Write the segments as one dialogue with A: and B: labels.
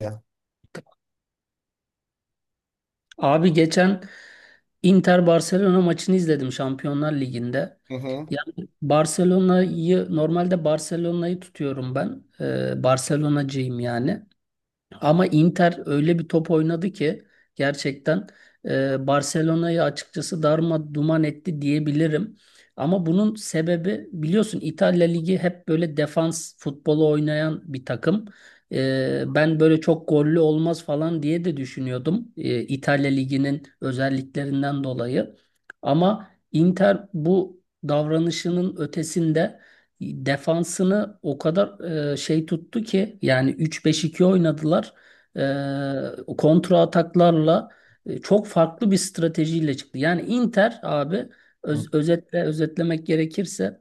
A: Ya.
B: Abi geçen Inter Barcelona maçını izledim Şampiyonlar Ligi'nde.
A: Hı hı.
B: Yani normalde Barcelona'yı tutuyorum ben. Barcelona'cıyım yani. Ama Inter öyle bir top oynadı ki gerçekten Barcelona'yı açıkçası darma duman etti diyebilirim. Ama bunun sebebi biliyorsun İtalya Ligi hep böyle defans futbolu oynayan bir takım. Ben böyle çok gollü olmaz falan diye de düşünüyordum İtalya Ligi'nin özelliklerinden dolayı. Ama Inter bu davranışının ötesinde defansını o kadar tuttu ki yani üç 5 2 oynadılar kontra ataklarla çok farklı bir stratejiyle çıktı. Yani Inter abi,
A: Hı.
B: özetle özetlemek gerekirse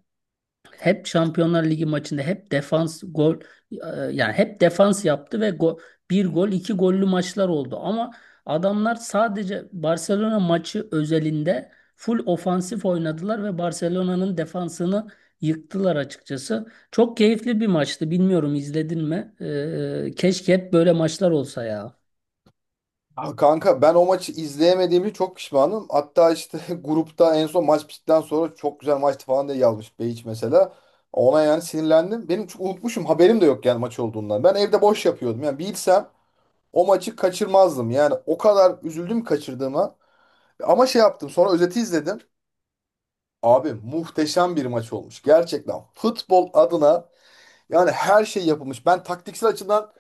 B: hep Şampiyonlar Ligi maçında hep defans gol e, yani hep defans yaptı ve bir gol iki gollü maçlar oldu. Ama adamlar sadece Barcelona maçı özelinde full ofansif oynadılar ve Barcelona'nın defansını yıktılar açıkçası. Çok keyifli bir maçtı. Bilmiyorum, izledin mi? Keşke hep böyle maçlar olsa ya.
A: Aa, kanka ben o maçı izleyemediğimi çok pişmanım. Hatta işte grupta en son maç bittikten sonra çok güzel maçtı falan diye yazmış Beyiç mesela. Ona yani sinirlendim. Benim çok unutmuşum, haberim de yok yani maç olduğundan. Ben evde boş yapıyordum. Yani bilsem o maçı kaçırmazdım. Yani o kadar üzüldüm kaçırdığıma. Ama şey yaptım, sonra özeti izledim. Abi muhteşem bir maç olmuş. Gerçekten futbol adına yani her şey yapılmış. Ben taktiksel açıdan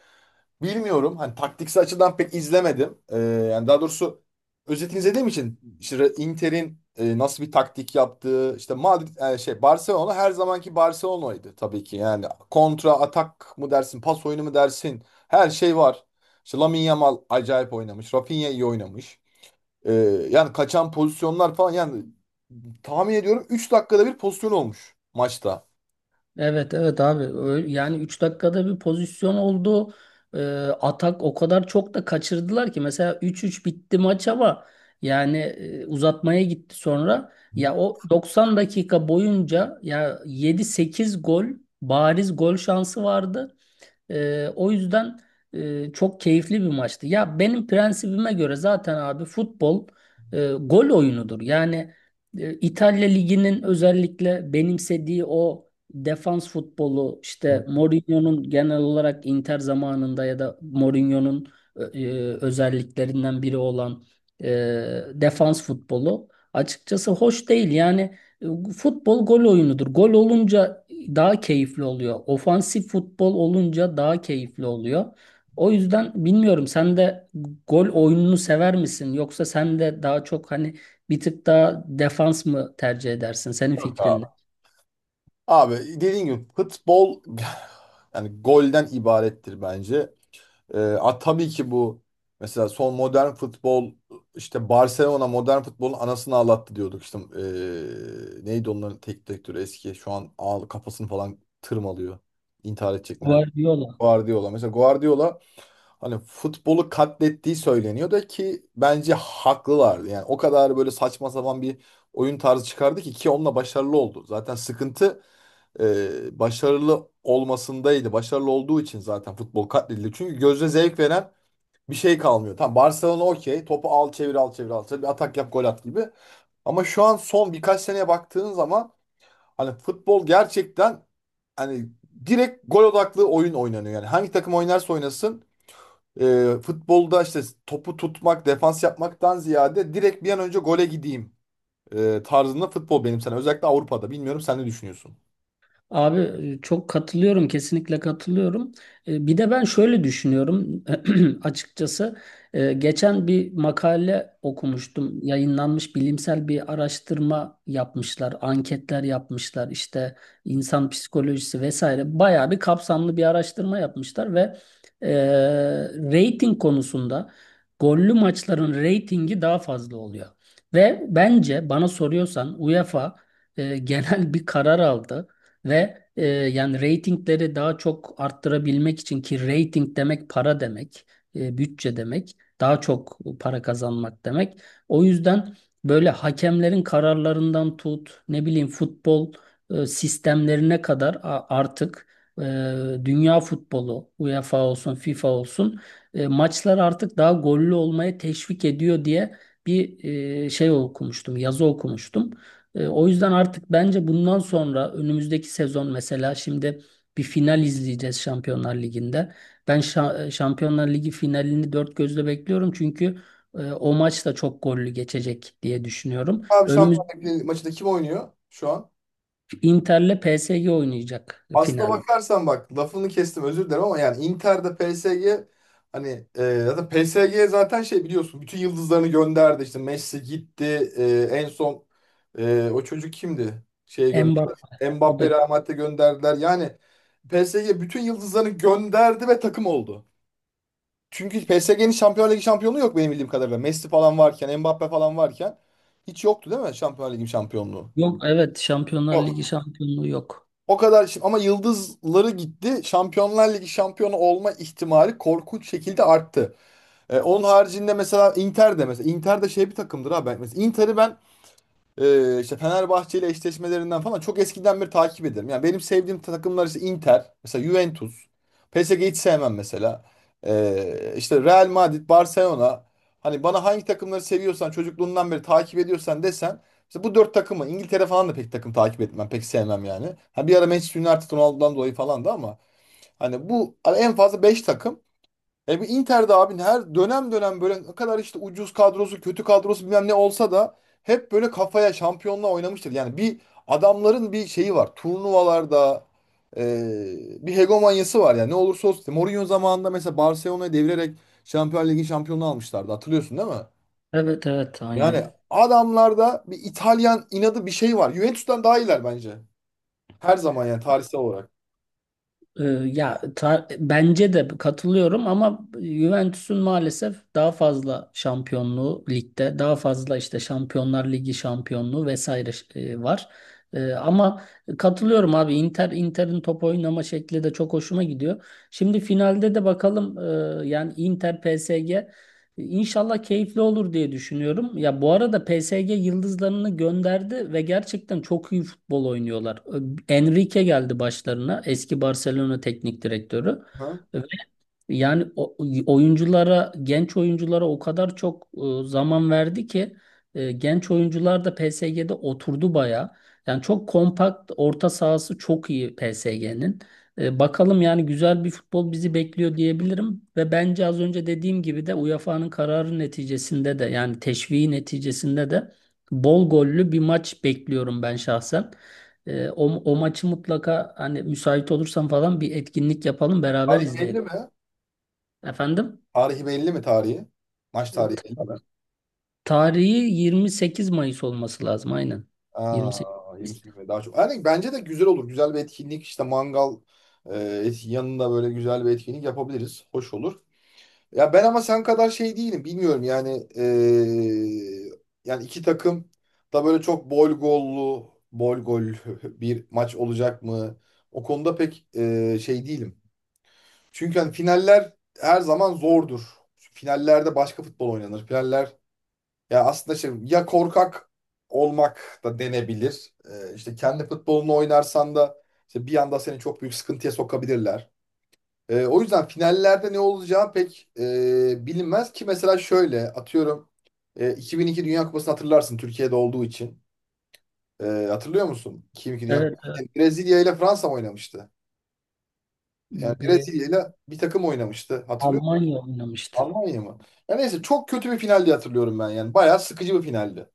A: bilmiyorum. Hani taktiksel açıdan pek izlemedim. Yani daha doğrusu özetini izlediğim için işte Inter'in nasıl bir taktik yaptığı, işte Madrid, yani şey, Barcelona her zamanki Barcelona'ydı tabii ki. Yani kontra atak mı dersin, pas oyunu mu dersin? Her şey var. İşte Lamine Yamal acayip oynamış. Rafinha iyi oynamış. Ee, Yani kaçan pozisyonlar falan, yani tahmin ediyorum 3 dakikada bir pozisyon olmuş maçta.
B: Evet, evet abi, yani 3 dakikada bir pozisyon oldu. Ee, Atak o kadar çok da kaçırdılar ki mesela 3-3 bitti maç, ama yani uzatmaya gitti sonra.
A: Hı.
B: Ya o 90 dakika boyunca ya yedi sekiz gol, bariz gol şansı vardı. O yüzden çok keyifli bir maçtı. Ya benim prensibime göre zaten abi futbol gol oyunudur. Yani İtalya Ligi'nin özellikle benimsediği o defans futbolu, işte Mourinho'nun genel olarak Inter zamanında ya da Mourinho'nun özelliklerinden biri olan e, defans futbolu açıkçası hoş değil. Yani e, Futbol gol oyunudur. Gol olunca daha keyifli oluyor. Ofansif futbol olunca daha keyifli oluyor. O yüzden bilmiyorum, sen de gol oyununu sever misin? Yoksa sen de daha çok hani bir tık daha defans mı tercih edersin? Senin
A: Yok
B: fikrin
A: abi.
B: ne?
A: Abi dediğim gibi futbol yani golden ibarettir bence. Tabii ki bu, mesela son modern futbol, işte Barcelona modern futbolun anasını ağlattı diyorduk işte. Neydi onların tek direktörü eski, şu an ağ, kafasını falan tırmalıyor. İntihar edecek nerede?
B: Guardiola.
A: Guardiola. Mesela Guardiola, hani futbolu katlettiği söyleniyor da ki bence haklılardı. Yani o kadar böyle saçma sapan bir oyun tarzı çıkardı ki, onunla başarılı oldu. Zaten sıkıntı başarılı olmasındaydı. Başarılı olduğu için zaten futbol katledildi. Çünkü gözle zevk veren bir şey kalmıyor. Tamam, Barcelona, okey. Topu al çevir, al çevir, al çevir. Bir atak yap, gol at gibi. Ama şu an son birkaç seneye baktığın zaman hani futbol gerçekten hani direkt gol odaklı oyun oynanıyor. Yani hangi takım oynarsa oynasın, futbolda işte topu tutmak, defans yapmaktan ziyade direkt bir an önce gole gideyim tarzında futbol, benim sana. Özellikle Avrupa'da. Bilmiyorum, sen ne düşünüyorsun?
B: Abi çok katılıyorum, kesinlikle katılıyorum. Bir de ben şöyle düşünüyorum açıkçası. Geçen bir makale okumuştum. Yayınlanmış bilimsel bir araştırma yapmışlar, anketler yapmışlar, işte insan psikolojisi vesaire. Bayağı bir kapsamlı bir araştırma yapmışlar ve e, rating konusunda gollü maçların ratingi daha fazla oluyor. Ve bence bana soruyorsan UEFA genel bir karar aldı. Ve yani reytingleri daha çok arttırabilmek için, ki reyting demek para demek, bütçe demek, daha çok para kazanmak demek. O yüzden böyle hakemlerin kararlarından tut, ne bileyim futbol sistemlerine kadar artık e, dünya futbolu, UEFA olsun, FIFA olsun maçlar artık daha gollü olmaya teşvik ediyor diye bir şey okumuştum, yazı okumuştum. O yüzden artık bence bundan sonra önümüzdeki sezon mesela şimdi bir final izleyeceğiz Şampiyonlar Ligi'nde. Ben Şampiyonlar Ligi finalini dört gözle bekliyorum, çünkü o maç da çok gollü geçecek diye düşünüyorum.
A: Abi Şampiyonlar Ligi maçında kim oynuyor şu an?
B: Inter'le PSG oynayacak
A: Aslına
B: final.
A: bakarsan, bak lafını kestim özür dilerim ama yani Inter'de PSG, hani zaten PSG zaten şey, biliyorsun bütün yıldızlarını gönderdi, işte Messi gitti, en son o çocuk kimdi? Şeye gönderdi.
B: Mbappe. O da.
A: Mbappe, Real Madrid'e gönderdiler. Yani PSG bütün yıldızlarını gönderdi ve takım oldu. Çünkü PSG'nin Şampiyonlar Ligi şampiyonluğu yok benim bildiğim kadarıyla. Messi falan varken, Mbappe falan varken hiç yoktu, değil mi Şampiyonlar Ligi şampiyonluğu?
B: Yok, evet, Şampiyonlar Ligi şampiyonluğu yok.
A: O kadar şimdi ama yıldızları gitti, Şampiyonlar Ligi şampiyonu olma ihtimali korkunç şekilde arttı. Onun haricinde mesela Inter de, mesela Inter de şey bir takımdır ha. Ben mesela Inter'i ben işte Fenerbahçe ile eşleşmelerinden falan çok eskiden beri takip ederim. Yani benim sevdiğim takımlar işte Inter, mesela Juventus, PSG hiç sevmem mesela. İşte Real Madrid, Barcelona. Hani bana hangi takımları seviyorsan, çocukluğundan beri takip ediyorsan desen işte bu dört takımı. İngiltere falan da pek takım takip etmem, pek sevmem yani. Ha bir ara Manchester United, Ronaldo'dan dolayı falan da ama hani bu hani en fazla beş takım. Bu Inter'de abi her dönem, dönem böyle ne kadar işte ucuz kadrosu, kötü kadrosu, bilmem ne olsa da hep böyle kafaya şampiyonla oynamıştır. Yani bir, adamların bir şeyi var. Turnuvalarda e, bir hegemonyası var yani, ne olursa olsun. İşte Mourinho zamanında mesela Barcelona'yı devirerek Şampiyonlar Ligi şampiyonluğu almışlardı. Hatırlıyorsun değil mi?
B: Evet, evet, aynen.
A: Yani adamlarda bir İtalyan inadı, bir şey var. Juventus'tan daha iyiler bence. Her zaman, yani tarihsel olarak.
B: Ya bence de katılıyorum, ama Juventus'un maalesef daha fazla şampiyonluğu ligde, daha fazla işte Şampiyonlar Ligi şampiyonluğu vesaire var. Ama katılıyorum abi, Inter'in top oynama şekli de çok hoşuma gidiyor. Şimdi finalde de bakalım yani Inter PSG İnşallah keyifli olur diye düşünüyorum. Ya bu arada PSG yıldızlarını gönderdi ve gerçekten çok iyi futbol oynuyorlar. Enrique geldi başlarına, eski Barcelona teknik direktörü.
A: Hı?
B: Ve yani genç oyunculara o kadar çok zaman verdi ki genç oyuncular da PSG'de oturdu baya. Yani çok kompakt, orta sahası çok iyi PSG'nin. Bakalım, yani güzel bir futbol bizi bekliyor diyebilirim ve bence az önce dediğim gibi de UEFA'nın kararı neticesinde de, yani teşviği neticesinde de bol gollü bir maç bekliyorum ben şahsen. O maçı mutlaka, hani müsait olursam falan, bir etkinlik yapalım, beraber
A: Tarihi belli
B: izleyelim.
A: mi?
B: Efendim?
A: Tarihi belli mi, tarihi? Maç
B: E,
A: tarihi belli
B: Ta-
A: mi?
B: tarihi 28 Mayıs olması lazım aynen. 28
A: Aa, yeni
B: Mayıs.
A: sürme daha çok. Yani bence de güzel olur. Güzel bir etkinlik işte, mangal, e, yanında böyle güzel bir etkinlik yapabiliriz. Hoş olur. Ya ben ama sen kadar şey değilim. Bilmiyorum yani, yani iki takım da böyle çok bol gollu bol gol bir maç olacak mı? O konuda pek şey değilim. Çünkü hani finaller her zaman zordur. Finallerde başka futbol oynanır. Finaller ya aslında şey, ya korkak olmak da denebilir. İşte kendi futbolunu oynarsan da işte bir anda seni çok büyük sıkıntıya sokabilirler. O yüzden finallerde ne olacağı pek bilinmez. Ki mesela şöyle atıyorum, 2002 Dünya Kupası'nı hatırlarsın Türkiye'de olduğu için. Ee, Hatırlıyor musun 2002 Dünya
B: Evet,
A: Kupası.
B: evet.
A: Yani Brezilya ile Fransa mı oynamıştı? Yani
B: Bir
A: Brezilya ile bir takım oynamıştı. Hatırlıyor musun?
B: Almanya oynamıştı.
A: Almanya mı? Ya neyse, çok kötü bir final diye hatırlıyorum ben yani. Bayağı sıkıcı bir finaldi.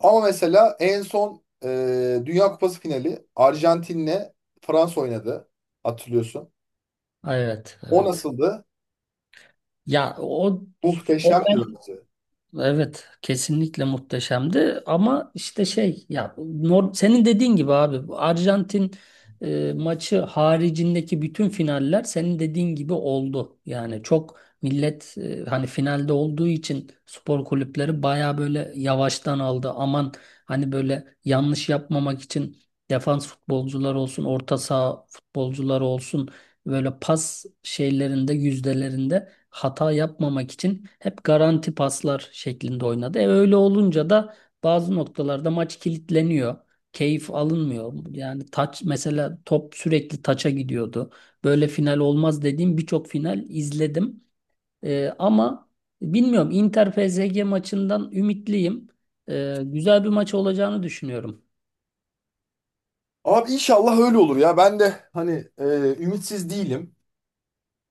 A: Ama mesela en son Dünya Kupası finali Arjantin'le Fransa oynadı. Hatırlıyorsun.
B: Evet,
A: O
B: evet.
A: nasıldı?
B: Ya o o
A: Muhteşemdi bence.
B: Evet, kesinlikle muhteşemdi, ama işte senin dediğin gibi abi, Arjantin maçı haricindeki bütün finaller senin dediğin gibi oldu. Yani çok millet hani finalde olduğu için spor kulüpleri baya böyle yavaştan aldı. Aman, hani böyle yanlış yapmamak için defans futbolcular olsun, orta saha futbolcular olsun, böyle pas şeylerinde, yüzdelerinde hata yapmamak için hep garanti paslar şeklinde oynadı. Öyle olunca da bazı noktalarda maç kilitleniyor. Keyif alınmıyor. Yani taç, mesela top sürekli taça gidiyordu. Böyle final olmaz dediğim birçok final izledim. Ama bilmiyorum, Inter PSG maçından ümitliyim. Güzel bir maç olacağını düşünüyorum.
A: Abi inşallah öyle olur ya. Ben de hani e, ümitsiz değilim.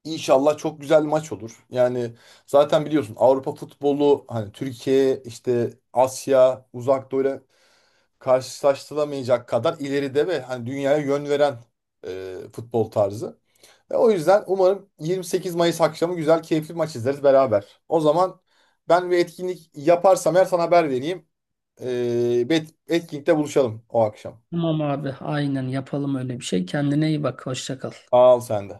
A: İnşallah çok güzel maç olur. Yani zaten biliyorsun Avrupa futbolu, hani Türkiye, işte Asya, Uzak Doğu'yla karşılaştırılamayacak kadar ileride ve hani dünyaya yön veren futbol tarzı. Ve o yüzden umarım 28 Mayıs akşamı güzel, keyifli bir maç izleriz beraber. O zaman ben bir etkinlik yaparsam eğer sana haber vereyim. Bir etkinlikte buluşalım o akşam.
B: Tamam abi, aynen yapalım öyle bir şey. Kendine iyi bak. Hoşça kal.
A: Al sen de.